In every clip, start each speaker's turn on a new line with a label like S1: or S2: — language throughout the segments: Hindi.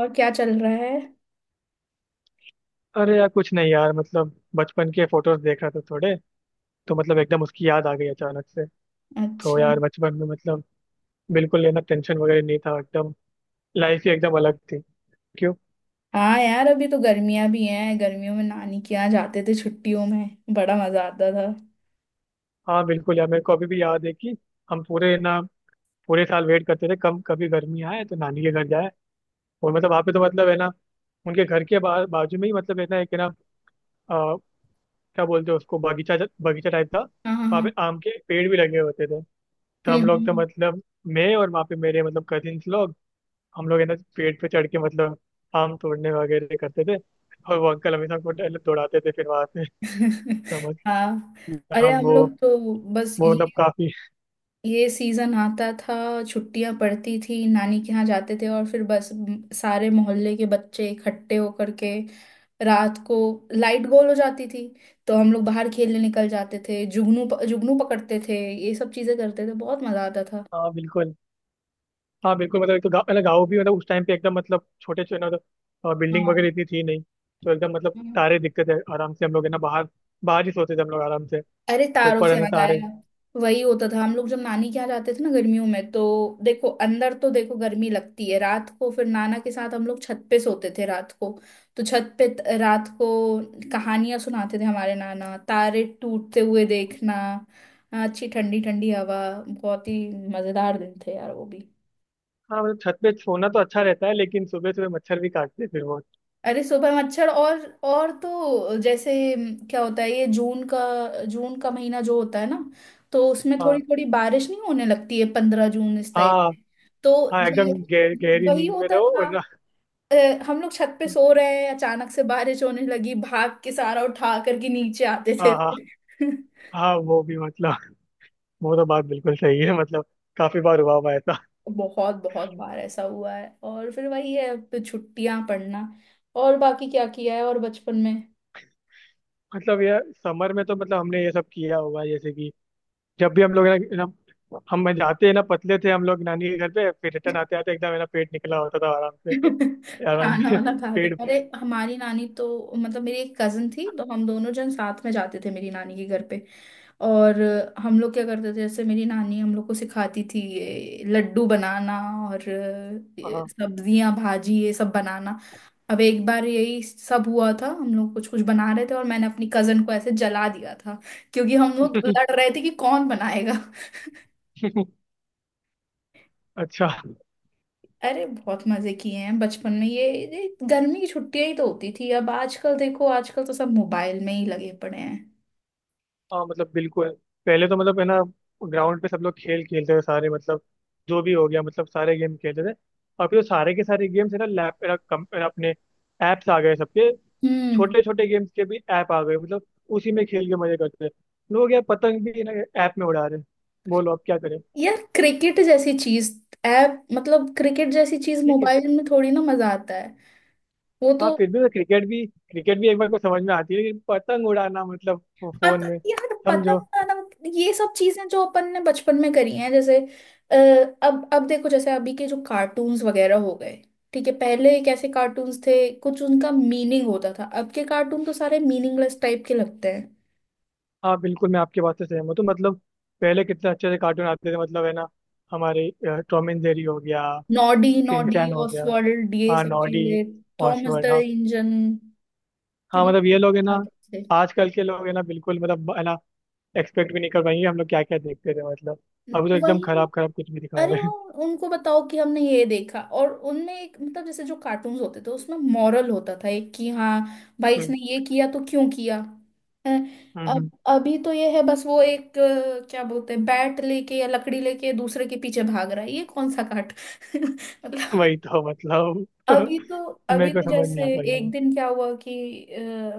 S1: और क्या चल रहा है?
S2: अरे यार कुछ नहीं यार। बचपन के फोटोज देख रहा था थोड़े। तो एकदम उसकी याद आ गई अचानक से। तो
S1: अच्छा।
S2: यार बचपन में बिल्कुल ये ना टेंशन वगैरह नहीं था एकदम। लाइफ ही एकदम अलग थी। क्यों?
S1: हाँ यार, अभी तो गर्मियां भी हैं, गर्मियों में नानी के यहाँ जाते थे, छुट्टियों में बड़ा मजा आता था।
S2: हाँ बिल्कुल यार, मेरे को अभी भी याद है कि हम पूरे ना, पूरे साल वेट करते थे कम कभी गर्मी आए तो नानी के घर जाए। और वहाँ पे तो है ना, उनके घर के बाजू में ही है ना, एक है ना, अ, क्या बोलते हैं उसको, बगीचा। बगीचा टाइप था।
S1: हाँ हाँ
S2: वहाँ पे
S1: हाँ।
S2: आम के पेड़ भी लगे होते थे। तो हम लोग तो
S1: हम्म।
S2: मतलब, मैं और वहाँ पे मेरे कजिन्स लोग, हम लोग है ना पेड़ पे चढ़ के आम तोड़ने वगैरह करते थे। और वो अंकल हमेशा हमको दौड़ाते थे फिर वहां से। तो हम,
S1: हाँ। अरे
S2: अब
S1: हम
S2: वो,
S1: लोग तो बस
S2: वो
S1: ये
S2: मतलब काफी।
S1: ये सीजन आता था। छुट्टियां पड़ती थी, नानी के यहाँ जाते थे और फिर बस सारे मोहल्ले के बच्चे इकट्ठे होकर के रात को लाइट गोल हो जाती थी, तो हम लोग बाहर खेलने निकल जाते थे, जुगनू पकड़ते थे, ये सब चीजें करते थे, बहुत मजा आता था।
S2: हाँ बिल्कुल। हाँ बिल्कुल। एक तो गाँव, गाँव भी उस टाइम पे एकदम छोटे छोटे बिल्डिंग
S1: हाँ।
S2: वगैरह इतनी थी नहीं। तो एकदम
S1: हम्म।
S2: तारे दिखते थे आराम से। हम लोग है ना बाहर, बाहर ही सोते थे हम लोग आराम से।
S1: अरे,
S2: तो
S1: तारों
S2: ऊपर
S1: से
S2: है ना
S1: याद
S2: तारे।
S1: आया। वही होता था, हम लोग जब नानी के यहाँ जाते थे ना गर्मियों में, तो देखो अंदर तो देखो गर्मी लगती है रात को, फिर नाना के साथ हम लोग छत पे सोते थे रात को, तो छत पे रात को कहानियां सुनाते थे हमारे नाना, तारे टूटते हुए देखना, अच्छी ठंडी ठंडी हवा। बहुत ही मजेदार दिन थे यार वो भी।
S2: हाँ छत पे सोना तो अच्छा रहता है लेकिन सुबह सुबह मच्छर भी काटते हैं फिर वो।
S1: अरे सुबह मच्छर, और तो जैसे क्या होता है ये जून का, जून का महीना जो होता है ना, तो उसमें थोड़ी
S2: हाँ
S1: थोड़ी बारिश नहीं होने लगती है 15 जून इस टाइप
S2: हाँ
S1: में, तो
S2: हाँ,
S1: ये
S2: एकदम गहरी
S1: वही
S2: नींद में
S1: होता
S2: रहो
S1: था।
S2: और ना-।
S1: अ, हम लोग छत पे सो रहे हैं, अचानक से बारिश होने लगी, भाग के सारा उठा करके नीचे आते
S2: हाँ
S1: थे
S2: हाँ
S1: फिर।
S2: हाँ। वो भी, वो तो बात बिल्कुल सही है काफी बार हुआ हुआ है ऐसा।
S1: बहुत बहुत बार ऐसा हुआ है, और फिर वही है, फिर छुट्टियां पड़ना। और बाकी क्या किया है और बचपन में?
S2: ये समर में तो हमने ये सब किया होगा जैसे कि जब भी हम लोग है ना ना- हम जाते हैं ना पतले थे हम लोग नानी के घर पे, फिर रिटर्न आते आते एकदम है ना पेट निकला होता था आराम से। आराम
S1: खाना
S2: से
S1: वाना खा के,
S2: पेट
S1: अरे
S2: भर।
S1: हमारी नानी तो मतलब मेरी एक कजन थी, तो हम दोनों जन साथ में जाते थे मेरी नानी के घर पे, और हम लोग क्या करते थे जैसे मेरी नानी हम लोग को सिखाती थी ये लड्डू बनाना और
S2: हाँ।
S1: सब्जियां भाजी ये सब बनाना। अब एक बार यही सब हुआ था, हम लोग कुछ कुछ बना रहे थे और मैंने अपनी कजन को ऐसे जला दिया था क्योंकि हम लोग लड़ रहे थे कि कौन बनाएगा।
S2: अच्छा।
S1: अरे बहुत मजे किए हैं बचपन में, ये गर्मी की छुट्टियां ही तो होती थी, अब आजकल देखो, आजकल तो सब मोबाइल में ही लगे पड़े हैं।
S2: हाँ बिल्कुल। पहले तो है ना ग्राउंड पे सब लोग खेल खेलते थे सारे, जो भी हो गया सारे गेम खेलते थे। अभी तो सारे के सारे गेम्स है ना, लैप है ना, कम है ना, अपने ऐप्स आ गए सबके।
S1: हम्म।
S2: छोटे छोटे गेम्स के भी ऐप आ गए उसी में खेल के मजे करते हैं लोग। यार पतंग भी ना ऐप में उड़ा रहे हैं। बोलो अब क्या करें।
S1: यार क्रिकेट जैसी चीज, ऐप मतलब क्रिकेट जैसी चीज
S2: ठीक है।
S1: मोबाइल में थोड़ी ना मजा आता है। वो
S2: हाँ
S1: तो
S2: फिर भी तो क्रिकेट भी, क्रिकेट भी एक बार को समझ में आती है लेकिन पतंग उड़ाना फोन में
S1: यार पता
S2: समझो।
S1: बताना, ये सब चीजें जो अपन ने बचपन में करी हैं जैसे, अ, अब देखो जैसे अभी के जो कार्टून्स वगैरह हो गए, ठीक है पहले कैसे कार्टून्स थे, कुछ उनका मीनिंग होता था, अब के कार्टून तो सारे मीनिंगलेस टाइप के लगते हैं।
S2: हाँ बिल्कुल, मैं आपकी बात से सहमत हूँ। तो पहले कितने अच्छे से कार्टून आते थे है ना, हमारे टॉम एंड जेरी हो गया,
S1: नॉडी, नॉडी,
S2: शिनचैन हो गया,
S1: ऑसवर्ल्ड, ये
S2: हाँ
S1: सब
S2: नॉडी,
S1: चीजें, थॉमस
S2: ऑसवर्ड,
S1: द
S2: हाँ।
S1: इंजन,
S2: हाँ
S1: कितने
S2: ये लोग है ना,
S1: आर्टिस्ट थे।
S2: आजकल के लोग है ना बिल्कुल है ना एक्सपेक्ट भी नहीं कर पाएंगे हम लोग क्या क्या देखते थे मतलब। अभी तो एकदम
S1: वही।
S2: खराब खराब कुछ भी दिखा
S1: अरे
S2: रहे
S1: वो,
S2: हैं।
S1: उनको बताओ कि हमने ये देखा, और उनमें एक मतलब जैसे जो कार्टून्स होते थे उसमें मॉरल होता था एक, कि हाँ भाई
S2: हम्म।
S1: इसने ये किया तो क्यों किया है।
S2: हम्म,
S1: अब
S2: हम्म,
S1: अभी तो ये है बस वो एक क्या बोलते हैं, बैट लेके या लकड़ी लेके दूसरे के पीछे भाग रहा है ये कौन सा काट। मतलब
S2: वही तो मतलब।
S1: अभी तो
S2: मेरे को समझ नहीं
S1: जैसे
S2: आता ये
S1: एक
S2: लोग।
S1: दिन क्या हुआ कि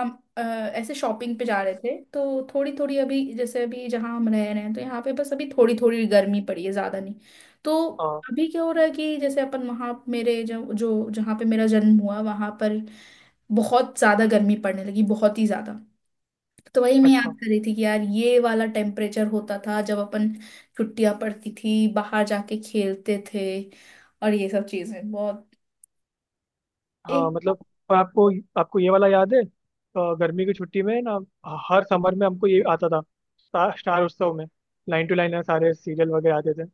S1: हम ऐसे शॉपिंग पे जा रहे थे, तो थोड़ी थोड़ी अभी जैसे अभी जहाँ हम रह रहे हैं तो यहाँ पे बस अभी थोड़ी थोड़ी गर्मी पड़ी है, ज़्यादा नहीं, तो
S2: हाँ।
S1: अभी क्या हो रहा है कि जैसे अपन वहाँ मेरे जो जो जहाँ पे मेरा जन्म हुआ वहाँ पर बहुत ज़्यादा गर्मी पड़ने लगी, बहुत ही ज़्यादा। तो वही मैं याद
S2: अच्छा।
S1: कर रही थी कि यार ये वाला टेम्परेचर होता था जब अपन छुट्टियाँ पड़ती थी बाहर जाके खेलते थे और ये सब चीज़ें बहुत,
S2: हाँ
S1: एक।
S2: मतलब। और आपको, आपको ये वाला याद है गर्मी की छुट्टी में ना, हर समर में हमको ये आता था, स्टार उत्सव में, लाइन टू लाइन सारे सीरियल वगैरह आते थे।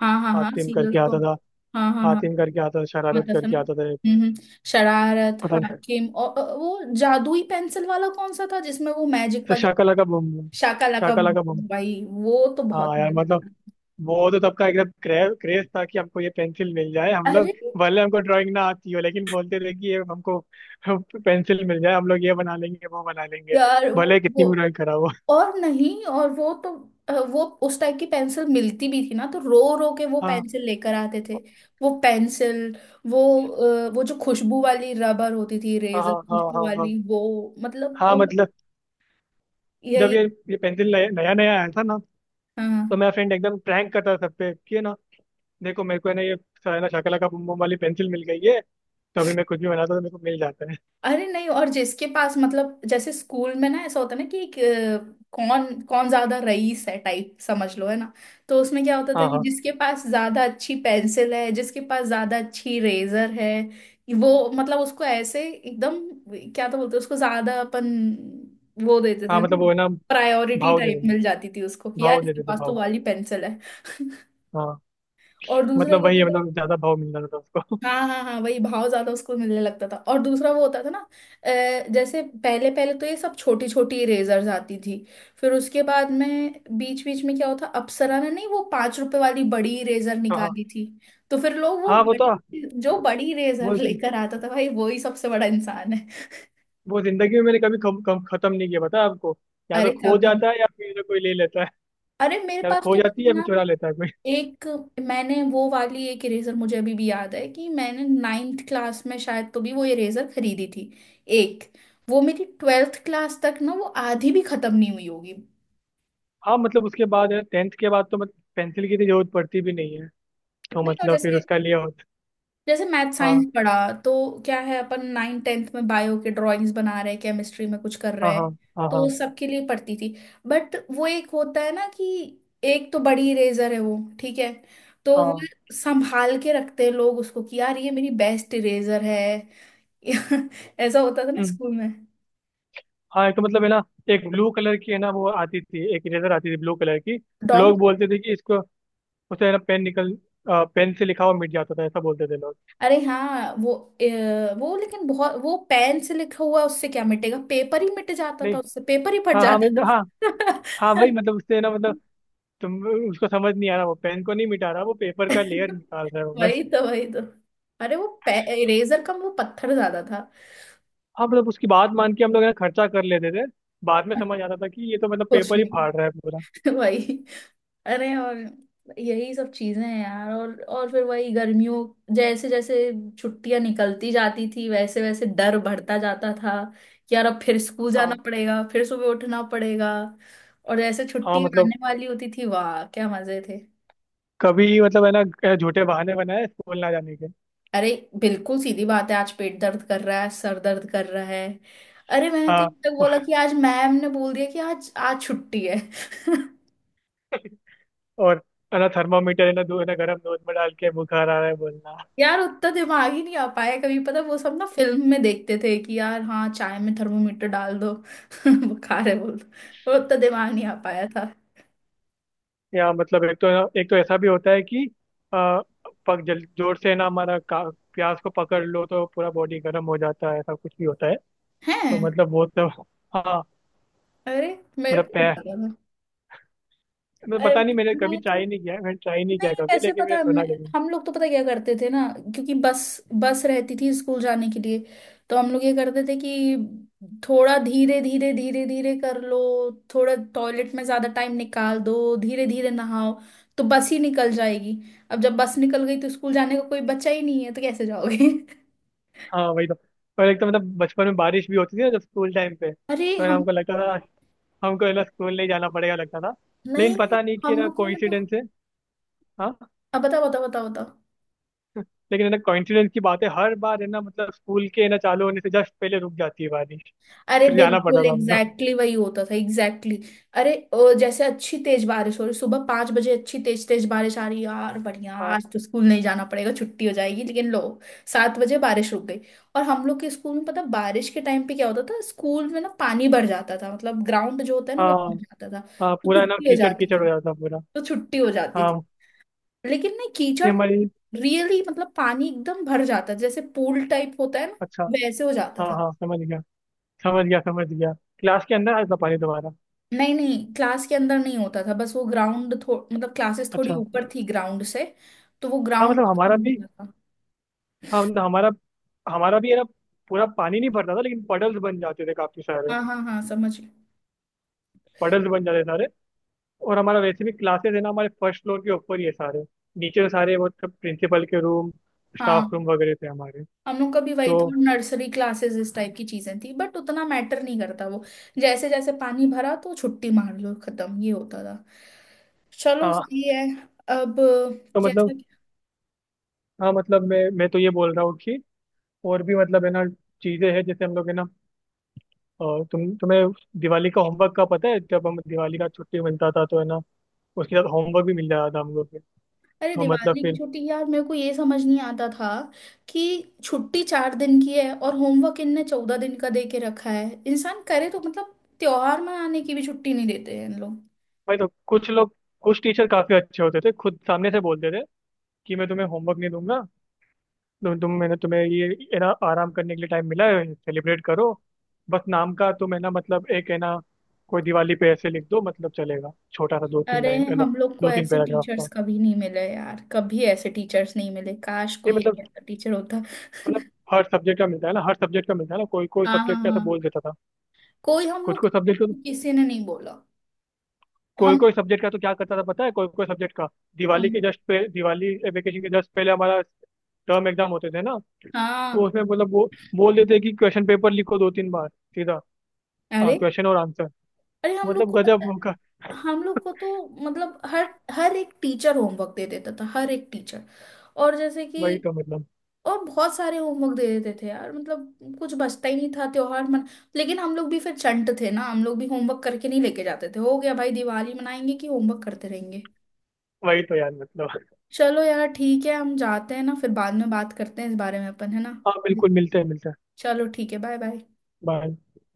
S1: हाँ हाँ हाँ,
S2: हातिम
S1: सीरियल्स
S2: करके
S1: को।
S2: आता था,
S1: हाँ हाँ हाँ।
S2: हातिम करके आता था, शरारत
S1: आता था ना।
S2: करके आता था।
S1: हम्म। शरारत,
S2: पता नहीं।
S1: हाकिम और वो जादुई पेंसिल वाला कौन सा था जिसमें वो मैजिक
S2: तो
S1: वाली।
S2: शाकाला का बम बम,
S1: शाका लाका बूम
S2: शाकाला का बम।
S1: बूम, भाई वो तो बहुत
S2: हाँ यार
S1: मजेदार था।
S2: वो तो तब का एकदम क्रेज क्रेज था कि हमको ये पेंसिल मिल जाए। हम लोग
S1: अरे
S2: भले हमको ड्राइंग ना आती हो लेकिन बोलते थे कि ये हमको पेंसिल मिल जाए हम लोग ये बना लेंगे वो बना लेंगे
S1: यार वो,
S2: भले कितनी भी
S1: वो
S2: ड्राइंग खराब हो।
S1: और नहीं और वो तो वो उस टाइप की पेंसिल मिलती भी थी ना, तो रो रो के वो
S2: हाँ
S1: पेंसिल लेकर आते थे, वो पेंसिल, वो वो जो खुशबू वाली रबर होती थी
S2: हाँ
S1: रेजर
S2: हाँ हाँ
S1: खुशबू
S2: हाँ हाँ।
S1: वाली वो मतलब,
S2: हाँ
S1: और
S2: मतलब, जब
S1: यही।
S2: ये पेंसिल नया नया आया था ना तो
S1: हाँ।
S2: मेरा फ्रेंड एकदम प्रैंक करता था सब पे कि है ना, देखो मेरे को है ना ये, है ना शकला का बम बम वाली पेंसिल मिल गई है, तो अभी मैं कुछ भी बनाता हूँ तो मेरे को मिल जाता है।
S1: अरे नहीं, और जिसके पास मतलब जैसे स्कूल में ना ऐसा होता है ना कि कौन कौन ज्यादा रईस है टाइप समझ लो है ना, तो उसमें क्या होता था
S2: हाँ
S1: कि
S2: हाँ
S1: जिसके पास ज्यादा अच्छी पेंसिल है जिसके पास ज्यादा अच्छी रेजर है, वो मतलब उसको ऐसे एकदम क्या तो बोलते हैं, उसको ज्यादा अपन वो देते
S2: हाँ
S1: थे
S2: वो
S1: ना,
S2: है ना
S1: प्रायोरिटी
S2: भाव दे
S1: टाइप
S2: देते थे,
S1: मिल जाती थी उसको कि यार
S2: भाव दे
S1: इसके
S2: देते थे,
S1: पास तो
S2: भाव।
S1: वाली पेंसिल है।
S2: हाँ
S1: और दूसरा ये
S2: वही
S1: होता
S2: है
S1: था,
S2: ज्यादा भाव मिल जाता था उसको।
S1: हाँ हाँ हाँ, वही भाव ज्यादा उसको मिलने लगता था और दूसरा वो होता था ना, जैसे पहले पहले तो ये सब छोटी छोटी इरेजर्स आती थी, फिर उसके बाद में बीच बीच में क्या होता, अप्सरा ने नहीं वो 5 रुपए वाली बड़ी इरेजर
S2: हाँ। हाँ
S1: निकाली थी, तो फिर लोग वो
S2: हाँ, वो तो।
S1: बड़ी, जो बड़ी इरेजर
S2: वो
S1: लेकर आता था भाई वो ही सबसे बड़ा इंसान है।
S2: वो जिंदगी में मैंने कभी कम खत्म नहीं किया पता है आपको, या तो
S1: अरे
S2: खो
S1: कभी,
S2: जाता है या फिर कोई ले लेता है।
S1: अरे मेरे
S2: या तो
S1: पास
S2: खो
S1: तो
S2: जाती है
S1: मैंने
S2: या फिर
S1: ना
S2: चुरा लेता है कोई।
S1: एक, मैंने वो वाली एक इरेजर मुझे अभी भी याद है कि मैंने 9th क्लास में शायद तो भी वो इरेजर खरीदी थी, एक, वो मेरी 12th क्लास तक ना वो आधी भी खत्म नहीं हुई होगी।
S2: हाँ उसके बाद है टेंथ के बाद तो पेंसिल की इतनी जरूरत पड़ती भी नहीं है, तो
S1: नहीं, और
S2: फिर
S1: जैसे
S2: उसका लिया होता।
S1: जैसे मैथ साइंस
S2: हाँ
S1: पढ़ा तो क्या है, अपन नाइन टेंथ में बायो के ड्राइंग्स बना रहे हैं, केमिस्ट्री में कुछ कर
S2: हाँ
S1: रहे
S2: हाँ
S1: हैं,
S2: हाँ हाँ
S1: तो सबके लिए पढ़ती थी, बट वो एक होता है ना कि एक तो बड़ी इरेजर है वो, ठीक है तो वो
S2: हाँ।
S1: संभाल के रखते हैं लोग उसको कि यार ये मेरी बेस्ट इरेजर है। ऐसा होता था ना
S2: हम्म।
S1: स्कूल में।
S2: हाँ एक तो है ना, एक ब्लू कलर की है ना वो आती थी, एक इरेजर आती थी ब्लू कलर की।
S1: डॉम।
S2: लोग बोलते थे कि इसको, उसे है ना पेन निकल, पेन से लिखा हुआ मिट जाता था, ऐसा बोलते थे लोग।
S1: अरे हाँ वो, वो लेकिन बहुत, वो पेन से लिखा हुआ उससे क्या मिटेगा, पेपर ही मिट जाता था
S2: नहीं,
S1: उससे, पेपर ही फट
S2: हाँ हाँ
S1: जाता
S2: हाँ। हाँ
S1: था।
S2: भाई उससे है ना तुम, उसको समझ नहीं आ रहा, वो पेन को नहीं मिटा रहा, वो पेपर का लेयर निकाल रहा है वो बस।
S1: वही तो, वही तो। अरे वो इरेजर का वो पत्थर ज्यादा था
S2: हाँ उसकी बात मान के हम लोग है ना खर्चा कर लेते थे, बाद में समझ आता था कि ये तो
S1: कुछ
S2: पेपर ही फाड़ रहा
S1: नहीं।
S2: है पूरा।
S1: वही। अरे और यही सब चीजें हैं यार, और फिर वही गर्मियों जैसे जैसे छुट्टियां निकलती जाती थी वैसे वैसे डर बढ़ता जाता था कि यार अब फिर स्कूल जाना
S2: हाँ।
S1: पड़ेगा, फिर सुबह उठना पड़ेगा। और जैसे
S2: हाँ,
S1: छुट्टियां आने वाली होती थी, वाह क्या मजे थे।
S2: कभी है ना, झूठे बहाने बनाए स्कूल ना जाने के।
S1: अरे बिल्कुल सीधी बात है, आज पेट दर्द कर रहा है, सर दर्द कर रहा है। अरे मैंने तो ये
S2: हाँ।
S1: तक बोला कि आज मैम ने बोल दिया कि आज आज छुट्टी है।
S2: और है ना थर्मामीटर है ना दूध है ना गर्म दूध में डाल के बुखार आ रहा है बोलना।
S1: यार उतना दिमाग ही नहीं आ पाया कभी, पता वो सब ना फिल्म में देखते थे कि यार हाँ चाय में थर्मोमीटर डाल दो बुखार है बोल दो। वो उतना दिमाग नहीं आ पाया था।
S2: या एक तो है ना, एक तो ऐसा भी होता है कि आ, पक जल जोर से ना हमारा प्यास को पकड़ लो तो पूरा बॉडी गर्म हो जाता है, ऐसा कुछ भी होता है। तो
S1: हैं?
S2: वो तो। हाँ
S1: अरे मेरे को
S2: पै
S1: नहीं पता।
S2: मैं
S1: अरे,
S2: पता नहीं, मैंने कभी
S1: मैं तो
S2: ट्राई नहीं किया है, मैंने ट्राई नहीं
S1: नहीं
S2: किया कभी,
S1: वैसे
S2: लेकिन
S1: पता
S2: मैंने
S1: है,
S2: सुना जरूर।
S1: हम लोग तो पता क्या करते थे ना, क्योंकि बस बस रहती थी स्कूल जाने के लिए, तो हम लोग ये करते थे कि थोड़ा धीरे धीरे धीरे धीरे कर लो, थोड़ा टॉयलेट में ज्यादा टाइम निकाल दो, धीरे धीरे नहाओ, तो बस ही निकल जाएगी, अब जब बस निकल गई तो स्कूल जाने का कोई बच्चा ही नहीं है तो कैसे जाओगे।
S2: हाँ वही तो। और एक तो बचपन में बारिश भी होती थी ना, जब स्कूल टाइम पे
S1: अरे
S2: तो है ना
S1: हम
S2: हमको लगता था, हमको है ना स्कूल नहीं जाना पड़ेगा लगता था,
S1: नहीं
S2: लेकिन
S1: नहीं,
S2: पता नहीं कि है
S1: हम
S2: ना
S1: लोग के में तो
S2: कोइंसिडेंस है। हाँ।
S1: अब बताओ बताओ बताओ बताओ।
S2: लेकिन है ना कोइंसिडेंस की बात है हर बार है ना स्कूल के है ना चालू होने से जस्ट पहले रुक जाती है बारिश।
S1: अरे
S2: फिर जाना पड़ता
S1: बिल्कुल
S2: था हमको।
S1: एग्जैक्टली वही होता था, एग्जैक्टली exactly. अरे जैसे अच्छी तेज बारिश हो रही सुबह 5 बजे, अच्छी तेज तेज बारिश आ रही, यार बढ़िया
S2: हाँ।
S1: आज तो स्कूल नहीं जाना पड़ेगा, छुट्टी हो जाएगी, लेकिन लो, 7 बजे बारिश रुक गई। और हम लोग के स्कूल में पता बारिश के टाइम पे क्या होता था, स्कूल में ना पानी भर जाता था, मतलब ग्राउंड जो होता है ना वो
S2: हाँ
S1: भर जाता था,
S2: हाँ,
S1: तो
S2: पूरा है ना
S1: छुट्टी हो
S2: कीचड़
S1: जाती
S2: कीचड़ हो
S1: थी,
S2: जाता पूरा।
S1: तो छुट्टी हो जाती
S2: हाँ।
S1: थी, लेकिन ना
S2: ये
S1: कीचड़
S2: हमारी।
S1: रियली मतलब पानी एकदम भर जाता जैसे पूल टाइप होता है ना,
S2: अच्छा।
S1: वैसे हो जाता
S2: हाँ
S1: था।
S2: हाँ समझ गया, समझ गया, समझ गया। क्लास के अंदर आता पानी दोबारा।
S1: नहीं नहीं क्लास के अंदर नहीं होता था, बस वो ग्राउंड मतलब क्लासेस थोड़ी
S2: अच्छा।
S1: ऊपर थी ग्राउंड से, तो वो
S2: हाँ
S1: ग्राउंड
S2: हमारा भी,
S1: होता था।
S2: हाँ हमारा, हमारा भी है ना पूरा पानी नहीं भरता था लेकिन पडल्स बन जाते थे काफी सारे।
S1: हाँ हाँ हाँ समझ गई।
S2: पडल्स बन जाते सारे। और हमारा वैसे भी क्लासेस है ना हमारे फर्स्ट फ्लोर के ऊपर ही है सारे। नीचे तो सारे प्रिंसिपल के रूम,
S1: हाँ
S2: स्टाफ रूम वगैरह थे हमारे।
S1: हम लोग का भी वही
S2: तो
S1: था, नर्सरी क्लासेस इस टाइप की चीजें थी बट उतना मैटर नहीं करता वो, जैसे जैसे पानी भरा तो छुट्टी मार लो, खत्म, ये होता था। चलो
S2: हाँ।
S1: सही है। अब
S2: तो
S1: कैसा?
S2: हाँ मैं तो ये बोल रहा हूँ कि और भी है ना चीज़ें हैं जैसे हम लोग है ना, तुम्हें दिवाली का होमवर्क का पता है? जब हम दिवाली का छुट्टी मिलता था तो है ना उसके साथ होमवर्क भी मिल जाता था हम लोग को।
S1: अरे
S2: तो
S1: दिवाली की
S2: फिर,
S1: छुट्टी यार मेरे को ये समझ नहीं आता था कि छुट्टी 4 दिन की है और होमवर्क इनने 14 दिन का दे के रखा है, इंसान करे तो, मतलब त्योहार मनाने की भी छुट्टी नहीं देते हैं इन लोग।
S2: भाई तो कुछ लोग, कुछ टीचर काफी अच्छे होते थे, खुद सामने से बोलते थे कि मैं तुम्हें होमवर्क नहीं दूंगा, तुम मैंने तुम्हें ये, है ना आराम करने के लिए टाइम मिला है सेलिब्रेट करो। बस नाम का तुम है ना एक है ना, कोई दिवाली पे ऐसे लिख दो चलेगा, छोटा सा दो तीन
S1: अरे
S2: लाइन है ना,
S1: हम लोग को
S2: दो तीन
S1: ऐसे
S2: पैराग्राफ
S1: टीचर्स
S2: का।
S1: कभी नहीं मिले यार, कभी ऐसे टीचर्स नहीं मिले, काश
S2: नहीं
S1: कोई एक
S2: मतलब,
S1: ऐसा टीचर होता।
S2: मतलब, हर सब्जेक्ट का मिलता है ना, हर सब्जेक्ट का मिलता है ना, कोई कोई
S1: हाँ हाँ
S2: सब्जेक्ट का तो बोल
S1: हाँ।
S2: देता था।
S1: कोई हम
S2: कुछ
S1: लोग,
S2: कुछ सब्जेक्ट को,
S1: किसी ने नहीं बोला।
S2: कोई
S1: हम
S2: कोई सब्जेक्ट का तो क्या करता था पता है? कोई कोई सब्जेक्ट का,
S1: हाँ
S2: दिवाली वेकेशन के जस्ट पहले हमारा टर्म एग्जाम होते थे ना, तो
S1: हाँ।
S2: उसमें वो बोल देते कि क्वेश्चन पेपर लिखो दो तीन बार सीधा,
S1: अरे।
S2: क्वेश्चन और आंसर।
S1: अरे हम लोग को
S2: गजब।
S1: पता है, हम लोग को तो मतलब हर हर एक टीचर होमवर्क दे देता था हर एक टीचर। और जैसे कि
S2: वही तो मतलब।
S1: और बहुत सारे होमवर्क दे देते थे यार, मतलब कुछ बचता ही नहीं था त्योहार मन। लेकिन हम लोग भी फिर चंट थे ना, हम लोग भी होमवर्क करके नहीं लेके जाते थे, हो गया भाई दिवाली मनाएंगे कि होमवर्क करते रहेंगे।
S2: वही तो यार मतलब।
S1: चलो यार ठीक है, हम जाते हैं ना, फिर बाद में बात करते हैं इस बारे में अपन, है ना?
S2: हाँ बिल्कुल, मिलते हैं मिलते हैं।
S1: चलो ठीक है बाय बाय।
S2: बाय।